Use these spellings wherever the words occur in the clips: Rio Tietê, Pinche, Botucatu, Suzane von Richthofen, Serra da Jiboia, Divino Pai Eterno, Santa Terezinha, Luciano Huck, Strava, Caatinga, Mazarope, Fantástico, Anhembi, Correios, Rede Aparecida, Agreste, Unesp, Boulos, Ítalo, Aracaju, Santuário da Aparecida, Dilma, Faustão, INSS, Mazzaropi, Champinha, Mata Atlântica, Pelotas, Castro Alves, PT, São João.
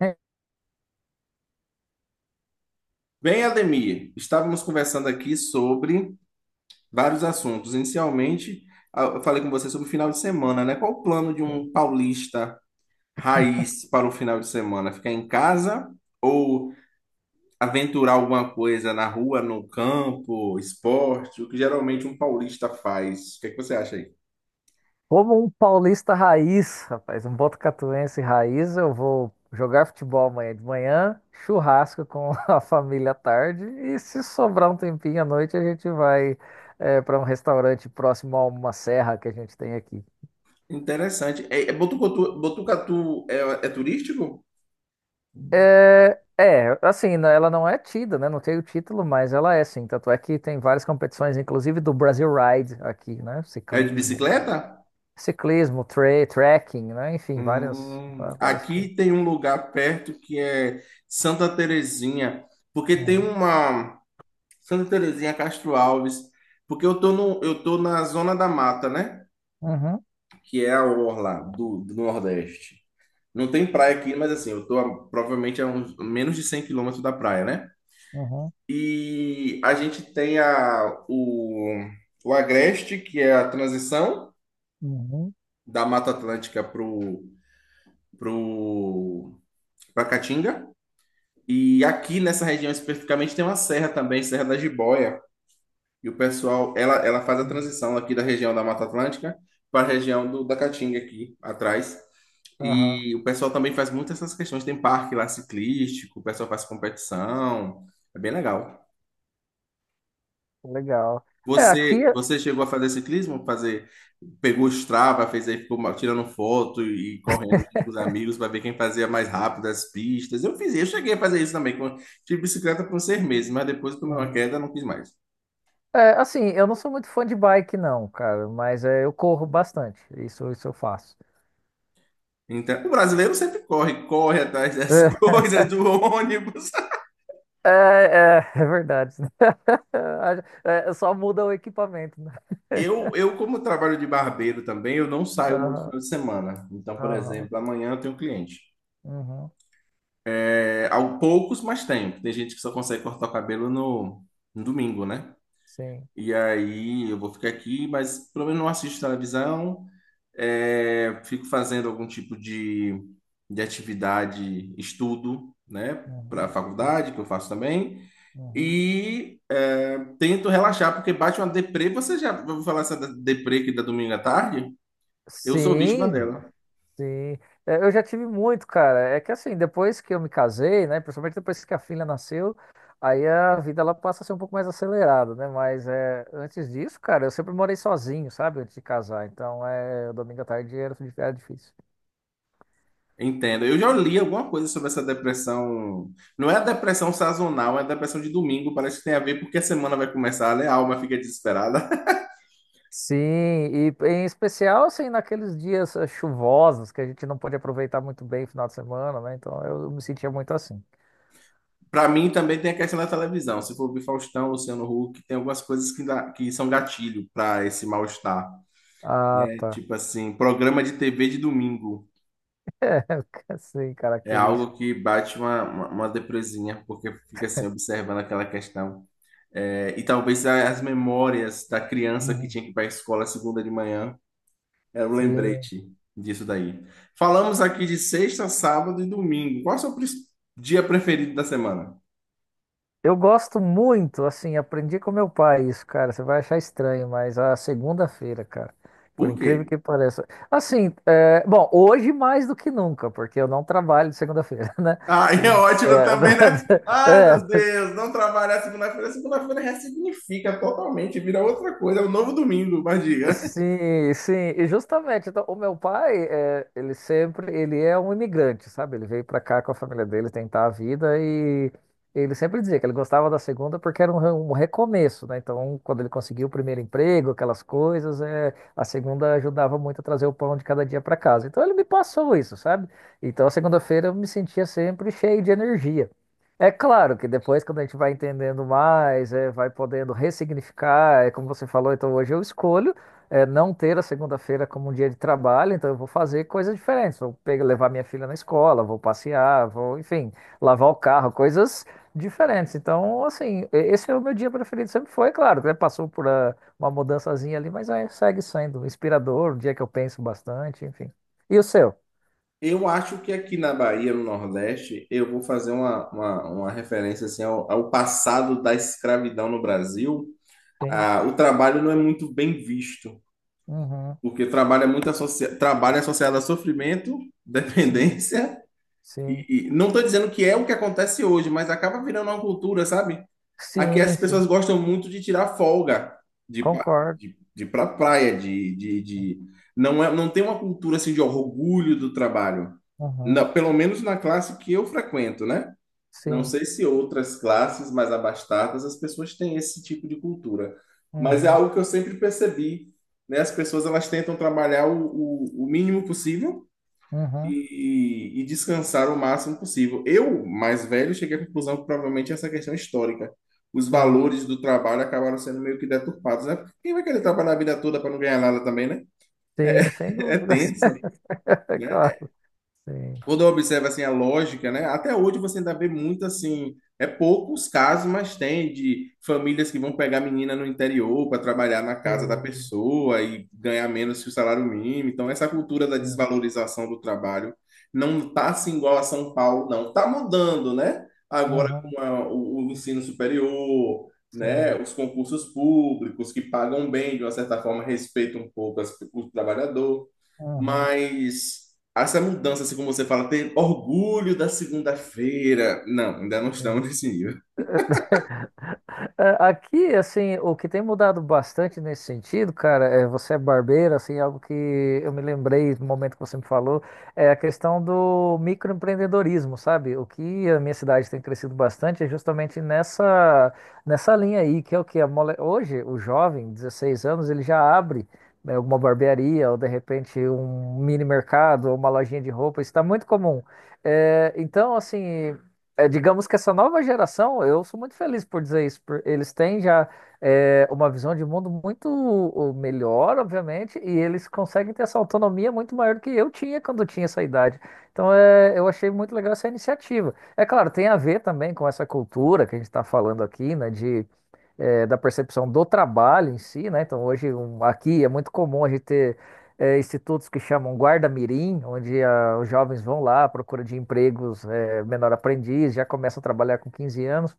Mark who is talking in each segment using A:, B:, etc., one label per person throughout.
A: É,
B: Bem, Ademir, estávamos conversando aqui sobre vários assuntos. Inicialmente, eu falei com você sobre o final de semana, né? Qual o plano de um paulista raiz para o final de semana? Ficar em casa ou aventurar alguma coisa na rua, no campo, esporte, o que geralmente um paulista faz? O que é que você acha aí?
A: como um paulista raiz, rapaz, um botucatuense raiz, eu vou jogar futebol amanhã de manhã, churrasco com a família à tarde e se sobrar um tempinho à noite a gente vai para um restaurante próximo a uma serra que a gente tem aqui.
B: Interessante. É Botucatu, Botucatu é turístico?
A: É, é, assim, né, ela não é tida, né? Não tem o título, mas ela é sim. Tanto é que tem várias competições, inclusive do Brasil Ride aqui, né?
B: É de
A: Ciclismo,
B: bicicleta?
A: ciclismo, tra trekking, né? Enfim, várias
B: Aqui
A: coisas.
B: tem um lugar perto que é Santa Terezinha, porque tem
A: Uhum.
B: uma Santa Terezinha Castro Alves, porque eu tô no, eu tô na Zona da Mata, né?
A: Uhum,
B: Que é a orla do Nordeste. Não tem praia aqui, mas assim, eu tô provavelmente a uns, menos de 100 quilômetros da praia, né?
A: uhum,
B: E a gente tem o Agreste, que é a transição
A: uhum,
B: da Mata Atlântica pro, pra Caatinga. E aqui nessa região especificamente tem uma serra também, Serra da Jiboia. E ela faz a
A: uhum.
B: transição aqui da região da Mata Atlântica para a região da Caatinga aqui atrás.
A: Aham,
B: E o pessoal também faz muito essas questões. Tem parque lá ciclístico, o pessoal faz competição. É bem legal.
A: legal. É, aqui,
B: Você chegou a fazer ciclismo? Pegou o Strava, fez aí, ficou tirando foto e correndo junto com os amigos para ver quem fazia mais rápido as pistas. Eu cheguei a fazer isso também. Tive bicicleta por uns 6 meses, mas depois tomei uma
A: uhum.
B: queda, não quis mais.
A: É, assim, eu não sou muito fã de bike, não, cara, mas eu corro bastante, isso eu faço.
B: Então, o brasileiro sempre corre, corre atrás das coisas, do ônibus.
A: É, é, é verdade. É, só muda o equipamento, né?
B: Eu, eu, como trabalho de barbeiro também, eu não saio muito
A: Aham,
B: final de semana. Então, por
A: aham,
B: exemplo, amanhã eu tenho cliente.
A: uhum,
B: É, há poucos, mas tenho. Tem gente que só consegue cortar o cabelo no domingo, né?
A: sim,
B: E aí eu vou ficar aqui, mas pelo menos não assisto televisão, fico fazendo algum tipo de atividade, estudo, né, para a
A: uhum, sim,
B: faculdade, que eu faço também,
A: uhum.
B: e tento relaxar, porque bate uma deprê. Você já ouviu falar essa deprê que dá domingo à tarde? Eu sou vítima
A: Sim.
B: dela.
A: Sim, é, eu já tive muito, cara. É que assim, depois que eu me casei, né, principalmente depois que a filha nasceu, aí a vida ela passa a ser um pouco mais acelerada, né? Mas antes disso, cara, eu sempre morei sozinho, sabe? Antes de casar. Então, domingo à tarde era difícil.
B: Entendo. Eu já li alguma coisa sobre essa depressão. Não é a depressão sazonal, é a depressão de domingo. Parece que tem a ver porque a semana vai começar, né? A alma fica desesperada.
A: Sim, e em especial, assim, naqueles dias chuvosos que a gente não pode aproveitar muito bem o final de semana, né? Então, eu me sentia muito assim.
B: Para mim também tem a questão da televisão. Se for ver Faustão, Luciano Huck, tem algumas coisas que são gatilho para esse mal-estar.
A: Ah,
B: É
A: tá.
B: tipo assim, programa de TV de domingo.
A: É, sim,
B: É
A: característico.
B: algo que bate uma depresinha, porque fica assim, observando aquela questão. E talvez as memórias da criança que
A: Uhum.
B: tinha que ir para a escola segunda de manhã, era o
A: Sim.
B: lembrete disso daí. Falamos aqui de sexta, sábado e domingo. Qual é o seu dia preferido da semana?
A: Eu gosto muito, assim, aprendi com meu pai isso, cara. Você vai achar estranho, mas a segunda-feira, cara, por
B: Por quê?
A: incrível que pareça. Assim, bom, hoje mais do que nunca, porque eu não trabalho de segunda-feira, né?
B: Ah, é
A: E-
B: ótimo também, né? Ai,
A: É,
B: meu
A: é.
B: Deus, não trabalhar segunda-feira. Segunda-feira ressignifica totalmente, vira outra coisa, é um novo domingo, mas diga.
A: Sim, sim, e justamente, então, o meu pai, ele sempre, ele é um imigrante, sabe? Ele veio pra cá com a família dele tentar a vida e ele sempre dizia que ele gostava da segunda porque era um recomeço, né? Então, quando ele conseguiu o primeiro emprego, aquelas coisas, a segunda ajudava muito a trazer o pão de cada dia pra casa. Então, ele me passou isso, sabe? Então, a segunda-feira eu me sentia sempre cheio de energia. É claro que depois, quando a gente vai entendendo mais, vai podendo ressignificar, é como você falou, então hoje eu escolho não ter a segunda-feira como um dia de trabalho, então eu vou fazer coisas diferentes. Vou pegar, levar minha filha na escola, vou passear, vou, enfim, lavar o carro, coisas diferentes. Então, assim, esse é o meu dia preferido, sempre foi, claro, né? Passou por uma mudançazinha ali, mas aí segue sendo inspirador, um dia que eu penso bastante, enfim. E o seu?
B: Eu acho que aqui na Bahia, no Nordeste, eu vou fazer uma referência assim, ao passado da escravidão no Brasil.
A: Sim,
B: Ah, o trabalho não é muito bem visto,
A: uhum,
B: porque trabalho é associado a sofrimento,
A: sim,
B: dependência.
A: sim,
B: E não estou dizendo que é o que acontece hoje, mas acaba virando uma cultura, sabe? Aqui as
A: sim, sim,
B: pessoas gostam muito de tirar folga, de, pa-
A: concordo.
B: de ir pra praia. Não é, não tem uma cultura assim de orgulho do trabalho.
A: Uhum,
B: Pelo menos na classe que eu frequento, né? Não
A: sim,
B: sei se outras classes mais abastadas as pessoas têm esse tipo de cultura. Mas é
A: uhum,
B: algo que eu sempre percebi, né? As pessoas elas tentam trabalhar o mínimo possível
A: uhum,
B: e descansar o máximo possível. Eu, mais velho, cheguei à conclusão que provavelmente essa questão é histórica. Os
A: sim.
B: valores do trabalho acabaram sendo meio que deturpados, né? Quem vai querer trabalhar a vida toda para não ganhar nada também, né?
A: Sim, sem
B: É
A: dúvida.
B: tenso, né?
A: Claro. Sim,
B: Quando observa assim a lógica, né? Até hoje você ainda vê muito assim, é poucos casos, mas tem de famílias que vão pegar menina no interior para trabalhar na casa da
A: sim,
B: pessoa e ganhar menos que o salário mínimo. Então essa cultura da
A: sim.
B: desvalorização do trabalho não tá assim igual a São Paulo, não. Tá mudando, né? Agora
A: Uhum,
B: com o ensino superior, né?
A: sim,
B: Os concursos públicos que pagam bem, de uma certa forma respeitam um pouco o trabalhador,
A: uhum,
B: mas essa mudança, assim como você fala, ter orgulho da segunda-feira. Não, ainda não
A: sim.
B: estamos nesse nível.
A: É, aqui, assim, o que tem mudado bastante nesse sentido, cara, é você é barbeiro, assim, é algo que eu me lembrei no momento que você me falou, é a questão do microempreendedorismo, sabe? O que a minha cidade tem crescido bastante é justamente nessa linha aí, que é o que a mole... hoje o jovem, 16 anos, ele já abre, né, alguma barbearia ou de repente um mini mercado ou uma lojinha de roupa, isso está muito comum. É, então, assim. É, digamos que essa nova geração, eu sou muito feliz por dizer isso, eles têm já uma visão de mundo melhor, obviamente, e eles conseguem ter essa autonomia muito maior do que eu tinha quando eu tinha essa idade. Então, eu achei muito legal essa iniciativa. É claro, tem a ver também com essa cultura que a gente está falando aqui, né, de, é, da percepção do trabalho em si, né? Então, hoje, aqui é muito comum a gente ter institutos que chamam guarda-mirim, onde os jovens vão lá à procura de empregos menor aprendiz, já começa a trabalhar com 15 anos,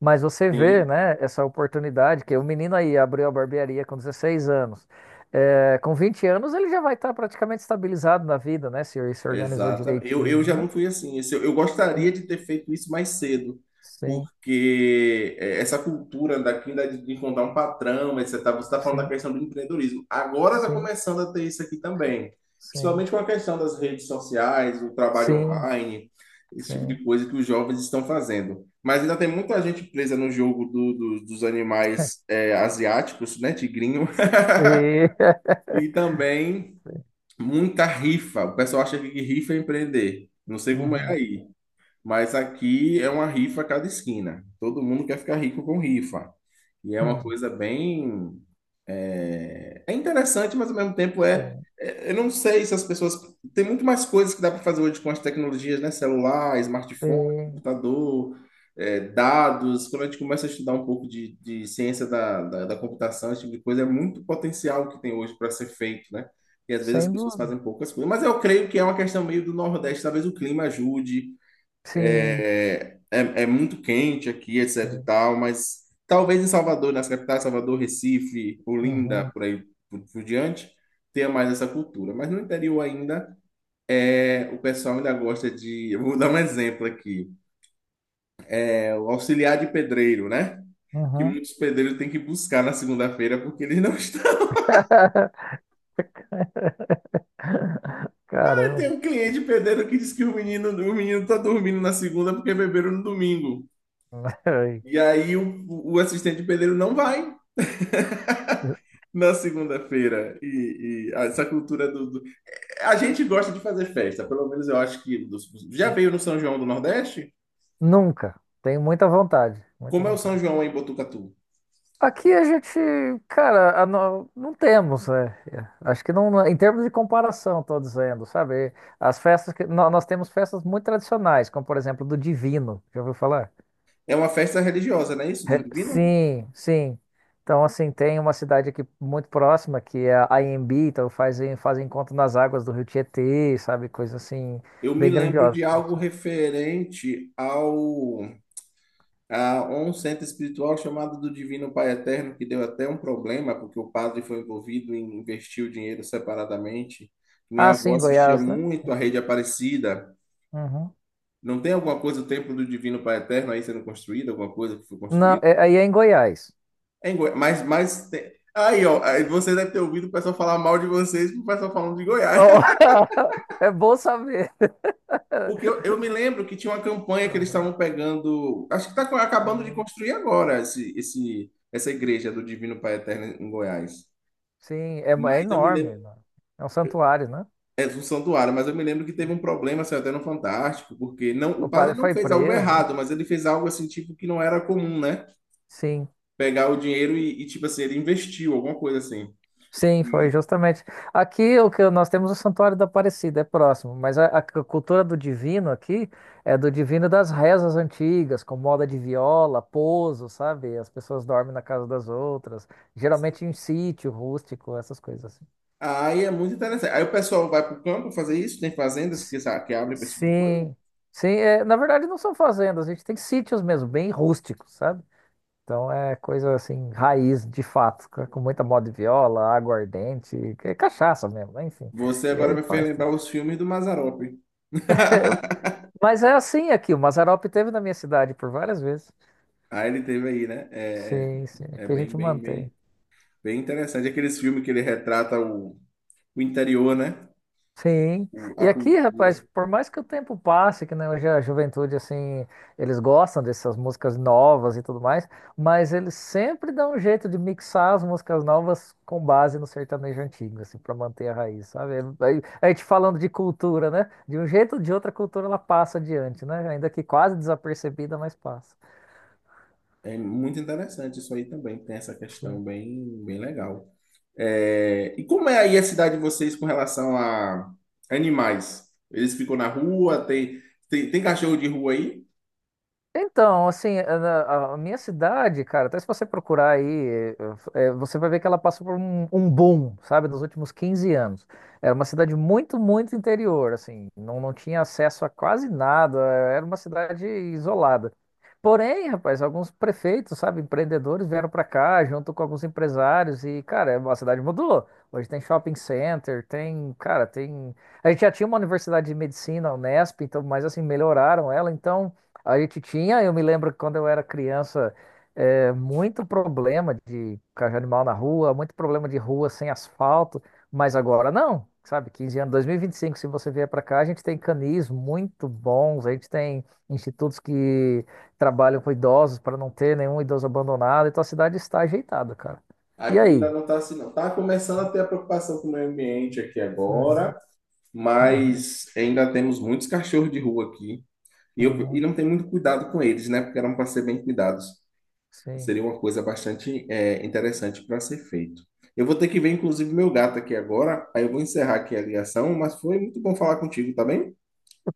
A: mas você vê,
B: Sim.
A: né, essa oportunidade que o menino aí abriu a barbearia com 16 anos. É, com 20 anos ele já vai estar praticamente estabilizado na vida, né, se organizou
B: Exatamente. Eu
A: direitinho,
B: já
A: né?
B: não fui assim. Eu gostaria
A: Sim,
B: de ter feito isso mais cedo,
A: sim,
B: porque essa cultura daqui de encontrar um patrão, etc. Você tá falando da
A: sim,
B: questão do empreendedorismo. Agora está
A: sim,
B: começando a ter isso aqui também,
A: sim,
B: principalmente com a questão das redes sociais, o trabalho
A: sim,
B: online, esse tipo
A: sim,
B: de coisa que os jovens estão fazendo. Mas ainda tem muita gente presa no jogo dos animais asiáticos, né, tigrinho,
A: sim.
B: e também muita rifa. O pessoal acha que rifa é empreender. Não sei como é
A: Uhum,
B: aí. Mas aqui é uma rifa a cada esquina. Todo mundo quer ficar rico com rifa. E é uma
A: hum,
B: coisa bem. É interessante, mas ao mesmo tempo é.
A: sim,
B: é- Eu não sei se as pessoas. Tem muito mais coisas que dá para fazer hoje com as tecnologias, né? Celular, smartphone,
A: sim,
B: computador, dados. Quando a gente começa a estudar um pouco de ciência da computação, esse tipo de coisa, é muito potencial que tem hoje para ser feito, né? E às vezes as
A: sem
B: pessoas
A: dúvida.
B: fazem poucas coisas. Mas eu creio que é uma questão meio do Nordeste. Talvez o clima ajude.
A: Sim,
B: É muito quente aqui, etc e
A: sim.
B: tal, mas talvez em Salvador, nas capitais, Salvador, Recife, Olinda,
A: Uhum,
B: por aí por diante, tenha mais essa cultura. Mas no interior ainda, o pessoal ainda gosta de. Eu vou dar um exemplo aqui: é o auxiliar de pedreiro, né? Que
A: uhum.
B: muitos pedreiros têm que buscar na segunda-feira porque eles não estão. Tem
A: Caramba.
B: um cliente pedreiro que diz que o menino tá dormindo na segunda porque beberam no domingo.
A: Ai.
B: E aí o assistente pedreiro não vai na segunda-feira e essa cultura. A gente gosta de fazer festa, pelo menos eu acho que. Já veio no São João do Nordeste?
A: Nunca. Tenho muita vontade, muita
B: Como é o São
A: vontade.
B: João em Botucatu?
A: Aqui a gente, cara, a no- não temos, é. É. Acho que não, em termos de comparação, estou dizendo, sabe? As festas que nós temos festas muito tradicionais, como por exemplo do Divino, já ouviu falar?
B: É uma festa religiosa, não é isso, do Divino?
A: Sim, sim. Então, assim, tem uma cidade aqui muito próxima que é a Anhembi, então fazem, fazem encontro nas águas do Rio Tietê, sabe? Coisa assim,
B: Eu me
A: bem
B: lembro de
A: grandiosa.
B: algo referente ao. A um centro espiritual chamado do Divino Pai Eterno, que deu até um problema, porque o padre foi envolvido em investir o dinheiro separadamente. Minha
A: Ah,
B: avó
A: sim,
B: assistia
A: Goiás, né?
B: muito a Rede Aparecida.
A: Uhum.
B: Não tem alguma coisa, o templo do Divino Pai Eterno aí sendo construído, alguma coisa que foi
A: Não,
B: construída?
A: aí é em Goiás.
B: É em Goiás. Mas tem... Aí, ó, aí você deve ter ouvido o pessoal falar mal de vocês, o pessoal falando de Goiás.
A: Oh, é bom saber.
B: Porque eu, eu me lembro que tinha uma campanha que eles
A: Uhum.
B: estavam pegando. Acho que está acabando de
A: Sim,
B: construir agora essa igreja do Divino Pai Eterno em Goiás.
A: sim, é, é
B: Mas eu me
A: enorme,
B: lembro.
A: né? É um santuário, né?
B: É um santuário, mas eu me lembro que teve um problema, saiu até no Fantástico, porque não, o
A: O
B: padre
A: padre
B: não
A: foi
B: fez algo
A: preso.
B: errado, mas ele fez algo assim, tipo, que não era comum, né?
A: Sim,
B: Pegar o dinheiro e, tipo assim, ele investiu, alguma coisa assim.
A: sim, foi
B: E
A: justamente. Aqui o que nós temos o Santuário da Aparecida, é próximo, mas a cultura do divino aqui é do divino das rezas antigas, com moda de viola, pouso, sabe? As pessoas dormem na casa das outras, geralmente em sítio rústico, essas coisas assim.
B: aí é muito interessante. Aí o pessoal vai pro campo fazer isso, tem fazendas que abrem pra esse tipo de coisa.
A: Sim, sim, é, na verdade não são fazendas, a gente tem sítios mesmo, bem rústicos, sabe? Então é coisa assim, raiz de fato, com muita moda de viola, aguardente, que é cachaça mesmo, né? Enfim.
B: Você
A: E
B: agora
A: aí
B: me fez
A: faz. Tudo.
B: lembrar os filmes do Mazzaropi.
A: É, mas é assim aqui, o Mazarope teve na minha cidade por várias vezes.
B: Aí ele teve aí, né? É,
A: Sim, sim,
B: é é
A: aqui a
B: bem,
A: gente
B: bem, bem,
A: mantém.
B: bem interessante. Aqueles filmes que ele retrata o interior, né?
A: Sim.
B: A
A: E aqui,
B: cultura.
A: rapaz, por mais que o tempo passe, que né, hoje a juventude, assim, eles gostam dessas músicas novas e tudo mais, mas eles sempre dão um jeito de mixar as músicas novas com base no sertanejo antigo, assim, para manter a raiz, sabe? Aí, a gente falando de cultura, né? De um jeito ou de outra a cultura ela passa adiante, né? Ainda que quase desapercebida, mas passa.
B: É muito interessante isso aí também, tem essa questão bem, bem legal. E como é aí a cidade de vocês com relação a animais? Eles ficam na rua, tem cachorro de rua aí?
A: Então, assim, a minha cidade, cara, até se você procurar aí, é, é, você vai ver que ela passou por um boom, sabe, nos últimos 15 anos. Era uma cidade muito, muito interior, assim, não, não tinha acesso a quase nada, era uma cidade isolada. Porém, rapaz, alguns prefeitos, sabe, empreendedores vieram pra cá junto com alguns empresários e, cara, a cidade mudou. Hoje tem shopping center, tem, cara, tem. A gente já tinha uma universidade de medicina, a Unesp, então, mas assim, melhoraram ela, então. A gente tinha, eu me lembro que quando eu era criança, muito problema de cachorro animal na rua, muito problema de rua sem asfalto, mas agora não, sabe? 15 anos, dois mil e vinte e cinco, se você vier para cá, a gente tem canis muito bons, a gente tem institutos que trabalham com idosos para não ter nenhum idoso abandonado, então a cidade está ajeitada, cara. E
B: Aqui
A: aí?
B: ainda não está assim, não. Está começando a ter a preocupação com o meio ambiente aqui
A: Uhum,
B: agora,
A: uhum,
B: mas ainda temos muitos cachorros de rua aqui. E
A: uhum,
B: não tem muito cuidado com eles, né? Porque eram para ser bem cuidados.
A: sim.
B: Seria uma coisa bastante interessante para ser feito. Eu vou ter que ver, inclusive, meu gato aqui agora. Aí eu vou encerrar aqui a ligação, mas foi muito bom falar contigo, tá bem?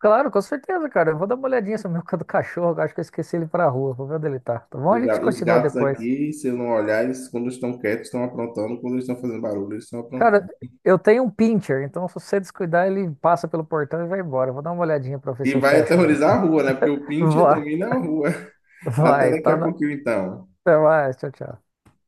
A: Claro, com certeza, cara. Eu vou dar uma olhadinha sobre o meu do cachorro. Eu Acho que eu esqueci ele pra rua. Vou ver onde ele tá. Tá bom? A
B: O
A: gente
B: ga- os
A: continua
B: gatos
A: depois.
B: aqui, se eu não olhar, eles quando estão quietos estão aprontando, quando eles estão fazendo barulho, eles estão aprontando.
A: Cara, eu tenho um pincher, então se você descuidar, ele passa pelo portão e vai embora. Eu Vou dar uma olhadinha pra ver
B: E
A: se eu
B: vai
A: fecho ele.
B: aterrorizar a rua, né? Porque o Pinche
A: Vai,
B: domina a rua. Até
A: vai.
B: daqui
A: Tá
B: a
A: na...
B: pouquinho, então.
A: Até mais. Tchau, tchau.